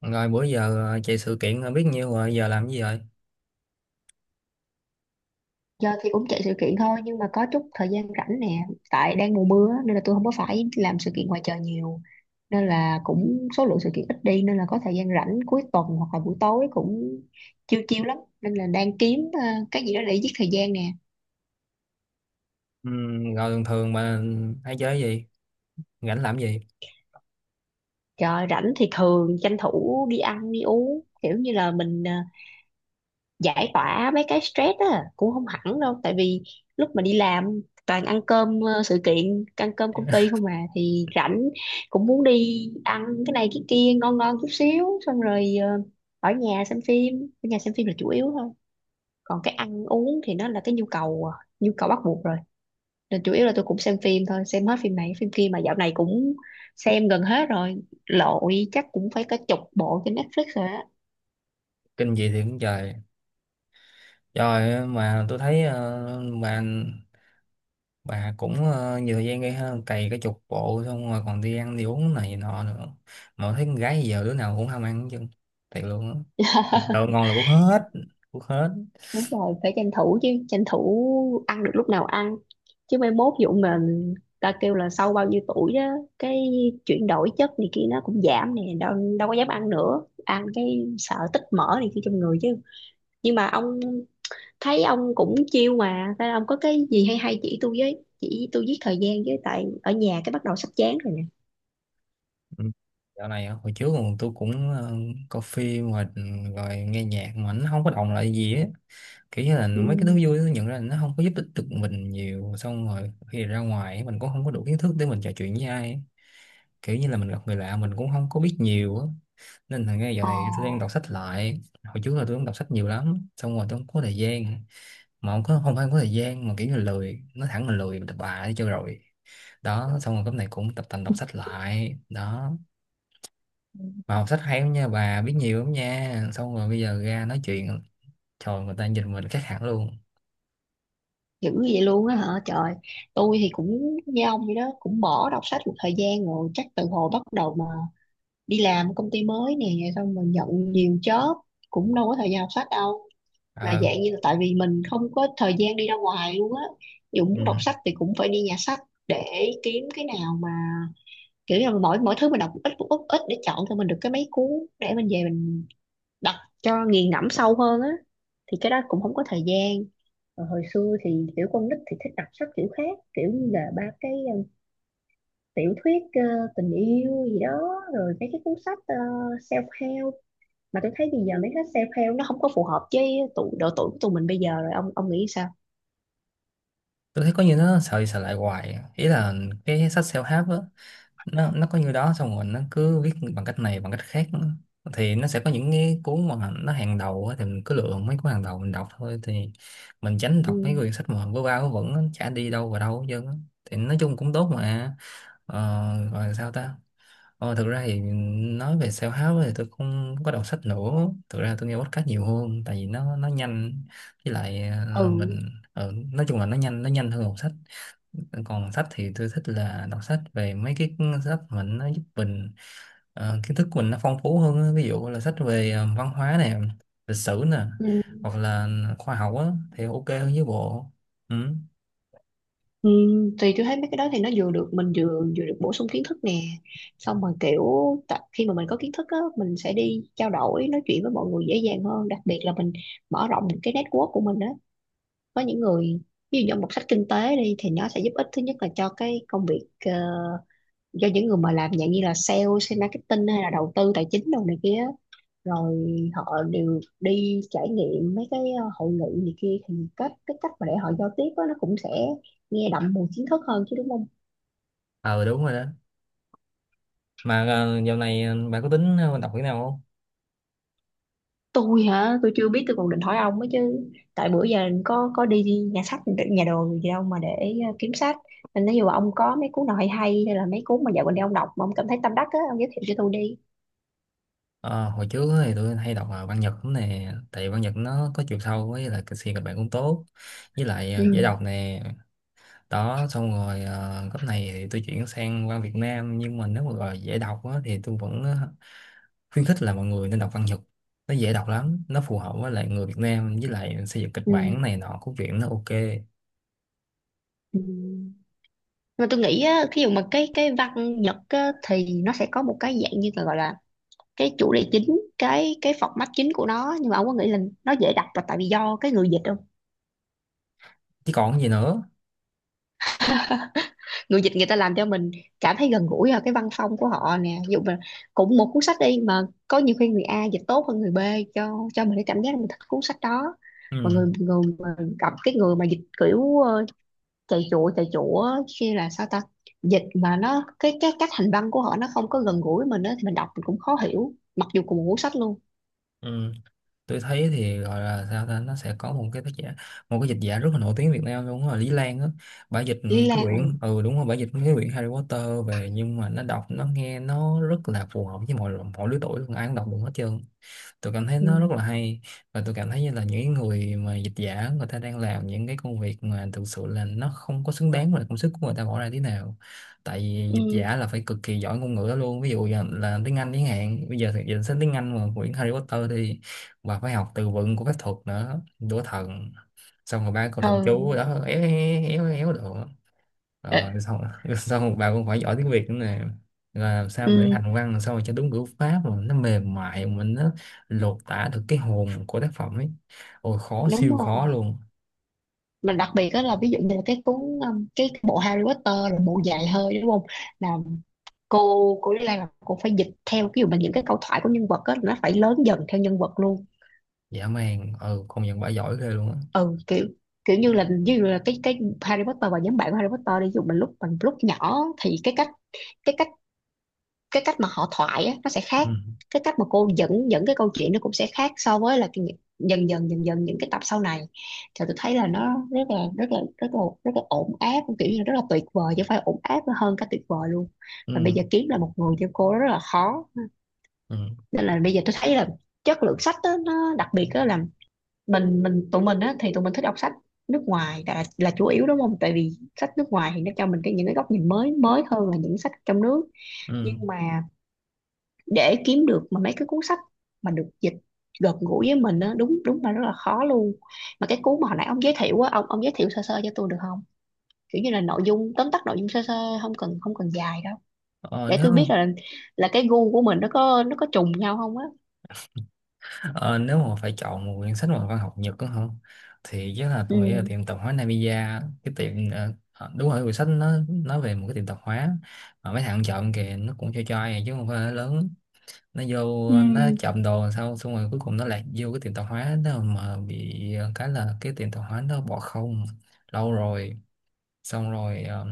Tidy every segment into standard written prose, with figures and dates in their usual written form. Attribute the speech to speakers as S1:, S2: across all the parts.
S1: Rồi bữa giờ chạy sự kiện biết nhiêu rồi, giờ làm cái gì rồi?
S2: Giờ thì cũng chạy sự kiện thôi, nhưng mà có chút thời gian rảnh nè. Tại đang mùa mưa á, nên là tôi không có phải làm sự kiện ngoài trời nhiều, nên là cũng số lượng sự kiện ít đi, nên là có thời gian rảnh cuối tuần hoặc là buổi tối cũng chiêu chiêu lắm, nên là đang kiếm cái gì đó để giết thời gian nè.
S1: Rồi thường thường mà hay chơi gì? Rảnh làm gì?
S2: Trời rảnh thì thường tranh thủ đi ăn đi uống, kiểu như là mình giải tỏa mấy cái stress á, cũng không hẳn đâu, tại vì lúc mà đi làm toàn ăn cơm sự kiện, ăn cơm công ty không, mà thì rảnh cũng muốn đi ăn cái này cái kia ngon ngon chút xíu, xong rồi ở nhà xem phim. Ở nhà xem phim là chủ yếu thôi. Còn cái ăn uống thì nó là cái nhu cầu à, nhu cầu bắt buộc rồi, nên chủ yếu là tôi cũng xem phim thôi, xem hết phim này phim kia mà dạo này cũng xem gần hết rồi, lội chắc cũng phải cả chục bộ trên Netflix rồi á.
S1: Kinh gì thì cũng trời. Trời mà tôi thấy bà cũng nhiều thời gian gây ha, cày cái chục bộ xong rồi còn đi ăn đi uống này nọ nữa. Mà tôi thấy con gái giờ đứa nào cũng ham ăn chứ. Thiệt luôn á. Đồ ngon là cũng hết.
S2: Đúng rồi, phải tranh thủ chứ, tranh thủ ăn được lúc nào ăn chứ, mai mốt dụ mà ta kêu là sau bao nhiêu tuổi đó, cái chuyển đổi chất này kia nó cũng giảm nè, đâu đâu có dám ăn nữa, ăn cái sợ tích mỡ này kia trong người chứ. Nhưng mà ông thấy ông cũng chiêu mà, nên ông có cái gì hay hay chỉ tôi với, chỉ tôi giết thời gian với, tại ở nhà cái bắt đầu sắp chán rồi nè.
S1: Ừ. Dạo này á, hồi trước còn tôi cũng coi phim rồi, ừ, rồi nghe nhạc mà nó không có động lại gì á, kiểu như là
S2: Ừ.
S1: mấy cái thứ vui nó nhận ra là nó không có giúp ích được mình nhiều, xong rồi khi ra ngoài mình cũng không có đủ kiến thức để mình trò chuyện với ai ấy. Kiểu như là mình gặp người lạ mình cũng không có biết nhiều á, nên là ngay dạo này tôi đang đọc sách lại. Hồi trước là tôi cũng đọc sách nhiều lắm, xong rồi tôi không có thời gian, mà không phải không có thời gian mà kiểu như là lười, nó thẳng là lười, mình tập bà đi cho rồi. Đó xong rồi cái này cũng tập tành đọc sách lại đó.
S2: Ờ,
S1: Mà học sách hay lắm nha, bà biết nhiều lắm nha, xong rồi bây giờ ra nói chuyện trời người ta nhìn mình khác hẳn luôn.
S2: dữ vậy luôn á hả trời. Tôi thì cũng như ông vậy đó, cũng bỏ đọc sách một thời gian rồi, chắc từ hồi bắt đầu mà đi làm công ty mới nè, xong mình nhận nhiều job, cũng đâu có thời gian đọc sách đâu. Mà
S1: Ờ.
S2: dạng như là tại vì mình không có thời gian đi ra ngoài luôn á, dù
S1: Ừ.
S2: muốn đọc sách thì cũng phải đi nhà sách để kiếm cái nào mà kiểu như là mỗi mỗi thứ mình đọc một ít một ít một ít để chọn cho mình được cái mấy cuốn, để mình về mình đọc cho nghiền ngẫm sâu hơn á. Thì cái đó cũng không có thời gian. Còn hồi xưa thì kiểu con nít thì thích đọc sách kiểu khác, kiểu như là ba cái tiểu thuyết tình yêu gì đó, rồi mấy cái cuốn sách self-help. Mà tôi thấy bây giờ mấy cái self-help nó không có phù hợp với tụ độ tuổi của tụi mình bây giờ rồi. Ông nghĩ sao?
S1: Tôi thấy có như nó sợ đi sợ lại hoài à. Ý là cái sách self-help á, nó có như đó xong rồi nó cứ viết bằng cách này bằng cách khác nữa. Thì nó sẽ có những cái cuốn mà nó hàng đầu á, thì mình cứ lựa mấy cuốn hàng đầu mình đọc thôi, thì mình tránh
S2: Ừ.
S1: đọc mấy quyển sách mà vớ va vớ vẩn á, chả đi đâu vào đâu hết trơn á. Thì nói chung cũng tốt mà ờ, gọi sao ta. Ờ, thực ra thì nói về self-help thì tôi không có đọc sách nữa, thực ra tôi nghe podcast nhiều hơn tại vì nó nhanh, với lại
S2: Ừ.
S1: mình nói chung là nó nhanh hơn đọc sách. Còn sách thì tôi thích là đọc sách về mấy cái sách mà nó giúp mình kiến thức của mình nó phong phú hơn á. Ví dụ là sách về văn hóa nè, lịch sử nè,
S2: Ừ.
S1: hoặc là khoa học á, thì ok hơn với bộ. Ừ.
S2: Ừ, thì tôi thấy mấy cái đó thì nó vừa được mình, vừa vừa được bổ sung kiến thức nè, xong rồi kiểu khi mà mình có kiến thức á, mình sẽ đi trao đổi nói chuyện với mọi người dễ dàng hơn, đặc biệt là mình mở rộng cái network của mình á. Có những người, ví dụ như một sách kinh tế đi, thì nó sẽ giúp ích thứ nhất là cho cái công việc, cho những người mà làm dạng như là sale, sale marketing hay là đầu tư tài chính đồ này kia, rồi họ đều đi trải nghiệm mấy cái hội nghị này kia, thì cái cách mà để họ giao tiếp á, nó cũng sẽ nghe đậm mùi kiến thức hơn chứ, đúng không?
S1: Ờ đúng rồi đó. Mà dạo này bạn có tính đọc cái nào không?
S2: Tôi hả? Tôi chưa biết, tôi còn định hỏi ông ấy chứ. Tại bữa giờ có đi nhà sách nhà đồ gì đâu mà để kiếm sách. Nên nếu như mà ông có mấy cuốn nào hay hay hay là mấy cuốn mà dạo gần đây ông đọc mà ông cảm thấy tâm đắc á, ông giới thiệu cho tôi đi.
S1: Ờ, hồi trước thì tôi hay đọc văn Nhật lắm nè, tại văn Nhật nó có chiều sâu với là kịch kịch bản cũng tốt, với lại dễ
S2: Ừ.
S1: đọc nè. Đó xong rồi cấp này thì tôi chuyển sang văn Việt Nam, nhưng mà nếu mà gọi là dễ đọc á, thì tôi vẫn khuyến khích là mọi người nên đọc văn Nhật. Nó dễ đọc lắm, nó phù hợp với lại người Việt Nam với lại xây dựng kịch
S2: Ừ.
S1: bản này nọ của chuyện nó ok
S2: Ừ, mà tôi nghĩ á, thí dụ mà cái văn Nhật á, thì nó sẽ có một cái dạng như là gọi là cái chủ đề chính, cái format chính của nó. Nhưng mà ông có nghĩ là nó dễ đọc là tại vì do cái người dịch không?
S1: chứ còn gì nữa.
S2: Người dịch, người ta làm cho mình cảm thấy gần gũi vào cái văn phong của họ nè. Ví dụ mà cũng một cuốn sách đi mà có nhiều khi người A dịch tốt hơn người B, cho mình cái cảm giác là mình thích cuốn sách đó. Mà người
S1: Ừ.
S2: người mà gặp cái người mà dịch kiểu chạy chụa chạy chụa, khi là sao ta, dịch mà nó cái cách hành văn của họ nó không có gần gũi với mình đó, thì mình đọc mình cũng khó hiểu mặc dù cùng một cuốn sách luôn.
S1: Ừ. Tôi thấy thì gọi là sao ta, nó sẽ có một cái tác giả, một cái dịch giả rất là nổi tiếng Việt Nam luôn là Lý Lan á, bả dịch
S2: Lý
S1: cái
S2: Lan. Ừ.
S1: quyển, ừ đúng rồi, bả dịch cái quyển Harry Potter về, nhưng mà nó đọc nó nghe nó rất là phù hợp với mọi mọi lứa tuổi luôn, ai cũng đọc được hết trơn. Tôi cảm thấy
S2: Ừ.
S1: nó rất là hay, và tôi cảm thấy như là những cái người mà dịch giả người ta đang làm những cái công việc mà thực sự là nó không có xứng đáng với lại công sức của người ta bỏ ra thế nào. Tại vì dịch
S2: Ừ.
S1: giả là phải cực kỳ giỏi ngôn ngữ đó luôn, ví dụ như là tiếng Anh, tiếng Hàn, bây giờ thì dịch sang tiếng Anh mà quyển Harry Potter thì bà phải học từ vựng của phép thuật nữa, đũa thần, xong rồi ba câu thần chú
S2: Ừ.
S1: đó éo éo éo éo đồ, rồi xong xong một bà cũng phải giỏi tiếng Việt nữa nè, là làm sao mà để
S2: Ừ.
S1: hành văn, làm sao mà cho đúng ngữ pháp mà nó mềm mại mà nó lột tả được cái hồn của tác phẩm ấy. Ôi khó,
S2: Đúng
S1: siêu khó
S2: rồi.
S1: luôn,
S2: Mà đặc biệt đó là ví dụ như là cái cuốn, cái bộ Harry Potter là bộ dài hơi đúng không, là cô Lý Lan là cô phải dịch theo, ví dụ mà những cái câu thoại của nhân vật á nó phải lớn dần theo nhân vật luôn.
S1: dã man. Ừ công nhận bà giỏi ghê luôn á.
S2: Ừ, kiểu kiểu như là ví dụ là cái Harry Potter và nhóm bạn của Harry Potter đi, ví dụ mình lúc nhỏ thì cái cách cái cách mà họ thoại á, nó sẽ khác.
S1: Ừ.
S2: Cái cách mà cô dẫn dẫn cái câu chuyện nó cũng sẽ khác so với là dần dần những cái tập sau này. Thì tôi thấy là nó rất là rất là rất là rất là ổn áp, kiểu như là rất là tuyệt vời chứ không phải ổn áp, nó hơn cả tuyệt vời luôn. Và bây
S1: Ừ.
S2: giờ kiếm là một người như cô rất là khó,
S1: Ừ.
S2: nên là bây giờ tôi thấy là chất lượng sách á, nó đặc biệt đó là mình tụi mình á, thì tụi mình thích đọc sách nước ngoài là chủ yếu đúng không, tại vì sách nước ngoài thì nó cho mình cái những cái góc nhìn mới mới hơn là những sách trong nước.
S1: Ừ.
S2: Nhưng mà để kiếm được mà mấy cái cuốn sách mà được dịch gần gũi với mình á, đúng đúng là rất là khó luôn. Mà cái cuốn mà hồi nãy ông giới thiệu á, ông giới thiệu sơ sơ cho tôi được không, kiểu như là nội dung tóm tắt nội dung sơ sơ, không cần dài đâu,
S1: ờ,
S2: để tôi biết
S1: nếu
S2: là cái gu của mình nó có trùng nhau không á.
S1: ờ, nếu mà phải chọn một quyển sách mà văn học Nhật đó không, thì chắc là
S2: Ừ.
S1: tôi nghĩ là tiệm tạp hóa Namiya. Cái tiệm đúng rồi, quyển sách nó nói về một cái tiệm tạp hóa mà mấy thằng chọn kìa, nó cũng cho ai à, chứ không phải là lớn. Nó vô
S2: Ừ.
S1: nó trộm đồ làm sao, xong rồi cuối cùng nó lại vô cái tiệm tạp hóa đó mà bị cái là cái tiệm tạp hóa nó bỏ không lâu rồi. Xong rồi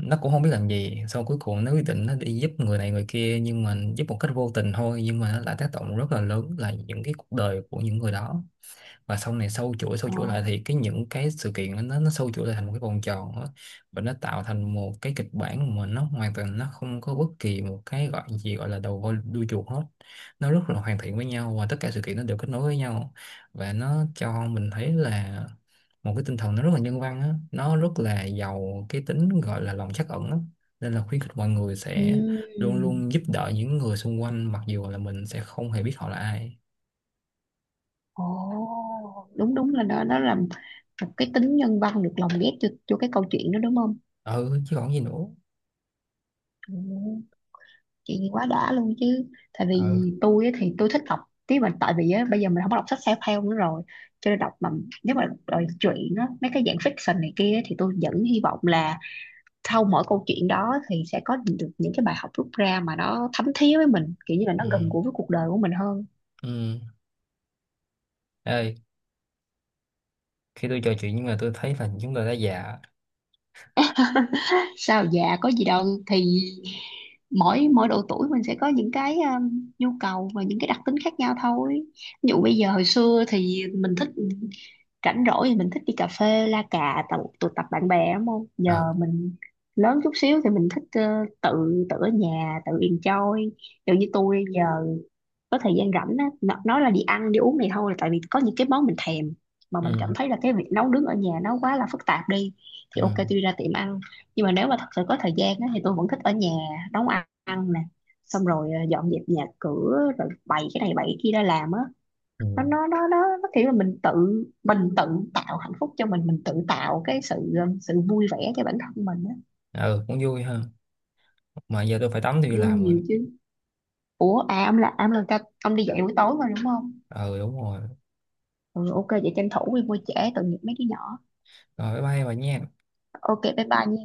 S1: nó cũng không biết làm gì, xong cuối cùng nó quyết định nó đi giúp người này người kia, nhưng mà giúp một cách vô tình thôi, nhưng mà nó lại tác động rất là lớn là những cái cuộc đời của những người đó. Và sau này sâu chuỗi sâu
S2: Ồ.
S1: chuỗi lại thì cái những cái sự kiện đó, nó sâu chuỗi lại thành một cái vòng tròn đó. Và nó tạo thành một cái kịch bản mà nó hoàn toàn nó không có bất kỳ một cái gọi gì gọi là đầu voi đuôi chuột hết. Nó rất là hoàn thiện với nhau và tất cả sự kiện nó đều kết nối với nhau, và nó cho mình thấy là một cái tinh thần nó rất là nhân văn á, nó rất là giàu cái tính gọi là lòng trắc ẩn á, nên là khuyến khích mọi người sẽ
S2: Ừ.
S1: luôn luôn giúp đỡ những người xung quanh mặc dù là mình sẽ không hề biết họ là ai.
S2: Ồ, đúng đúng là nó làm một cái tính nhân văn được lồng ghép cho cái câu chuyện đó đúng không?
S1: Ừ chứ còn gì nữa.
S2: Ừ. Chuyện gì quá đã luôn chứ. Tại vì
S1: Ừ.
S2: tôi á thì tôi thích đọc tiếng, mà tại vì á bây giờ mình không có đọc sách self-help nữa rồi, cho nên đọc mà nếu mà đòi chuyện á mấy cái dạng fiction này kia á, thì tôi vẫn hy vọng là sau mỗi câu chuyện đó thì sẽ có được những cái bài học rút ra mà nó thấm thía với mình, kiểu như là nó
S1: Ừ.
S2: gần gũi với cuộc đời của mình hơn.
S1: Ừ. Ơi, khi tôi trò chuyện nhưng mà tôi thấy là chúng tôi đã già.
S2: Sao, dạ có gì đâu. Thì mỗi mỗi độ tuổi mình sẽ có những cái, nhu cầu và những cái đặc tính khác nhau thôi. Ví dụ bây giờ hồi xưa thì mình thích rảnh rỗi thì mình thích đi cà phê la cà tụ tập bạn bè đúng không. Giờ
S1: Ờ.
S2: mình lớn chút xíu thì mình thích tự tự ở nhà tự enjoy, kiểu như tôi giờ có thời gian rảnh á nói là đi ăn đi uống này thôi là tại vì có những cái món mình thèm mà mình cảm
S1: Ừ.
S2: thấy là cái việc nấu nướng ở nhà nó quá là phức tạp đi. Thì
S1: Ừ.
S2: ok, tôi đi ra tiệm ăn. Nhưng mà nếu mà thật sự có thời gian á, thì tôi vẫn thích ở nhà nấu ăn, ăn nè, xong rồi dọn dẹp nhà cửa, rồi bày cái này bày cái kia ra làm á.
S1: Ừ.
S2: Nó kiểu là mình tự tạo hạnh phúc cho mình tự tạo cái sự sự vui vẻ cho bản thân mình á.
S1: Ừ cũng vui ha. Mà giờ tôi phải tắm, tôi đi
S2: Vui
S1: làm rồi.
S2: nhiều chứ. Ủa à, ông là à, ông là ca ông đi dạy buổi tối mà đúng không?
S1: Ờ đúng rồi.
S2: Ừ, ok vậy tranh thủ đi, mua trễ tội nghiệp mấy đứa nhỏ.
S1: Rồi bye bye bà nha.
S2: Ok, bye bye nha.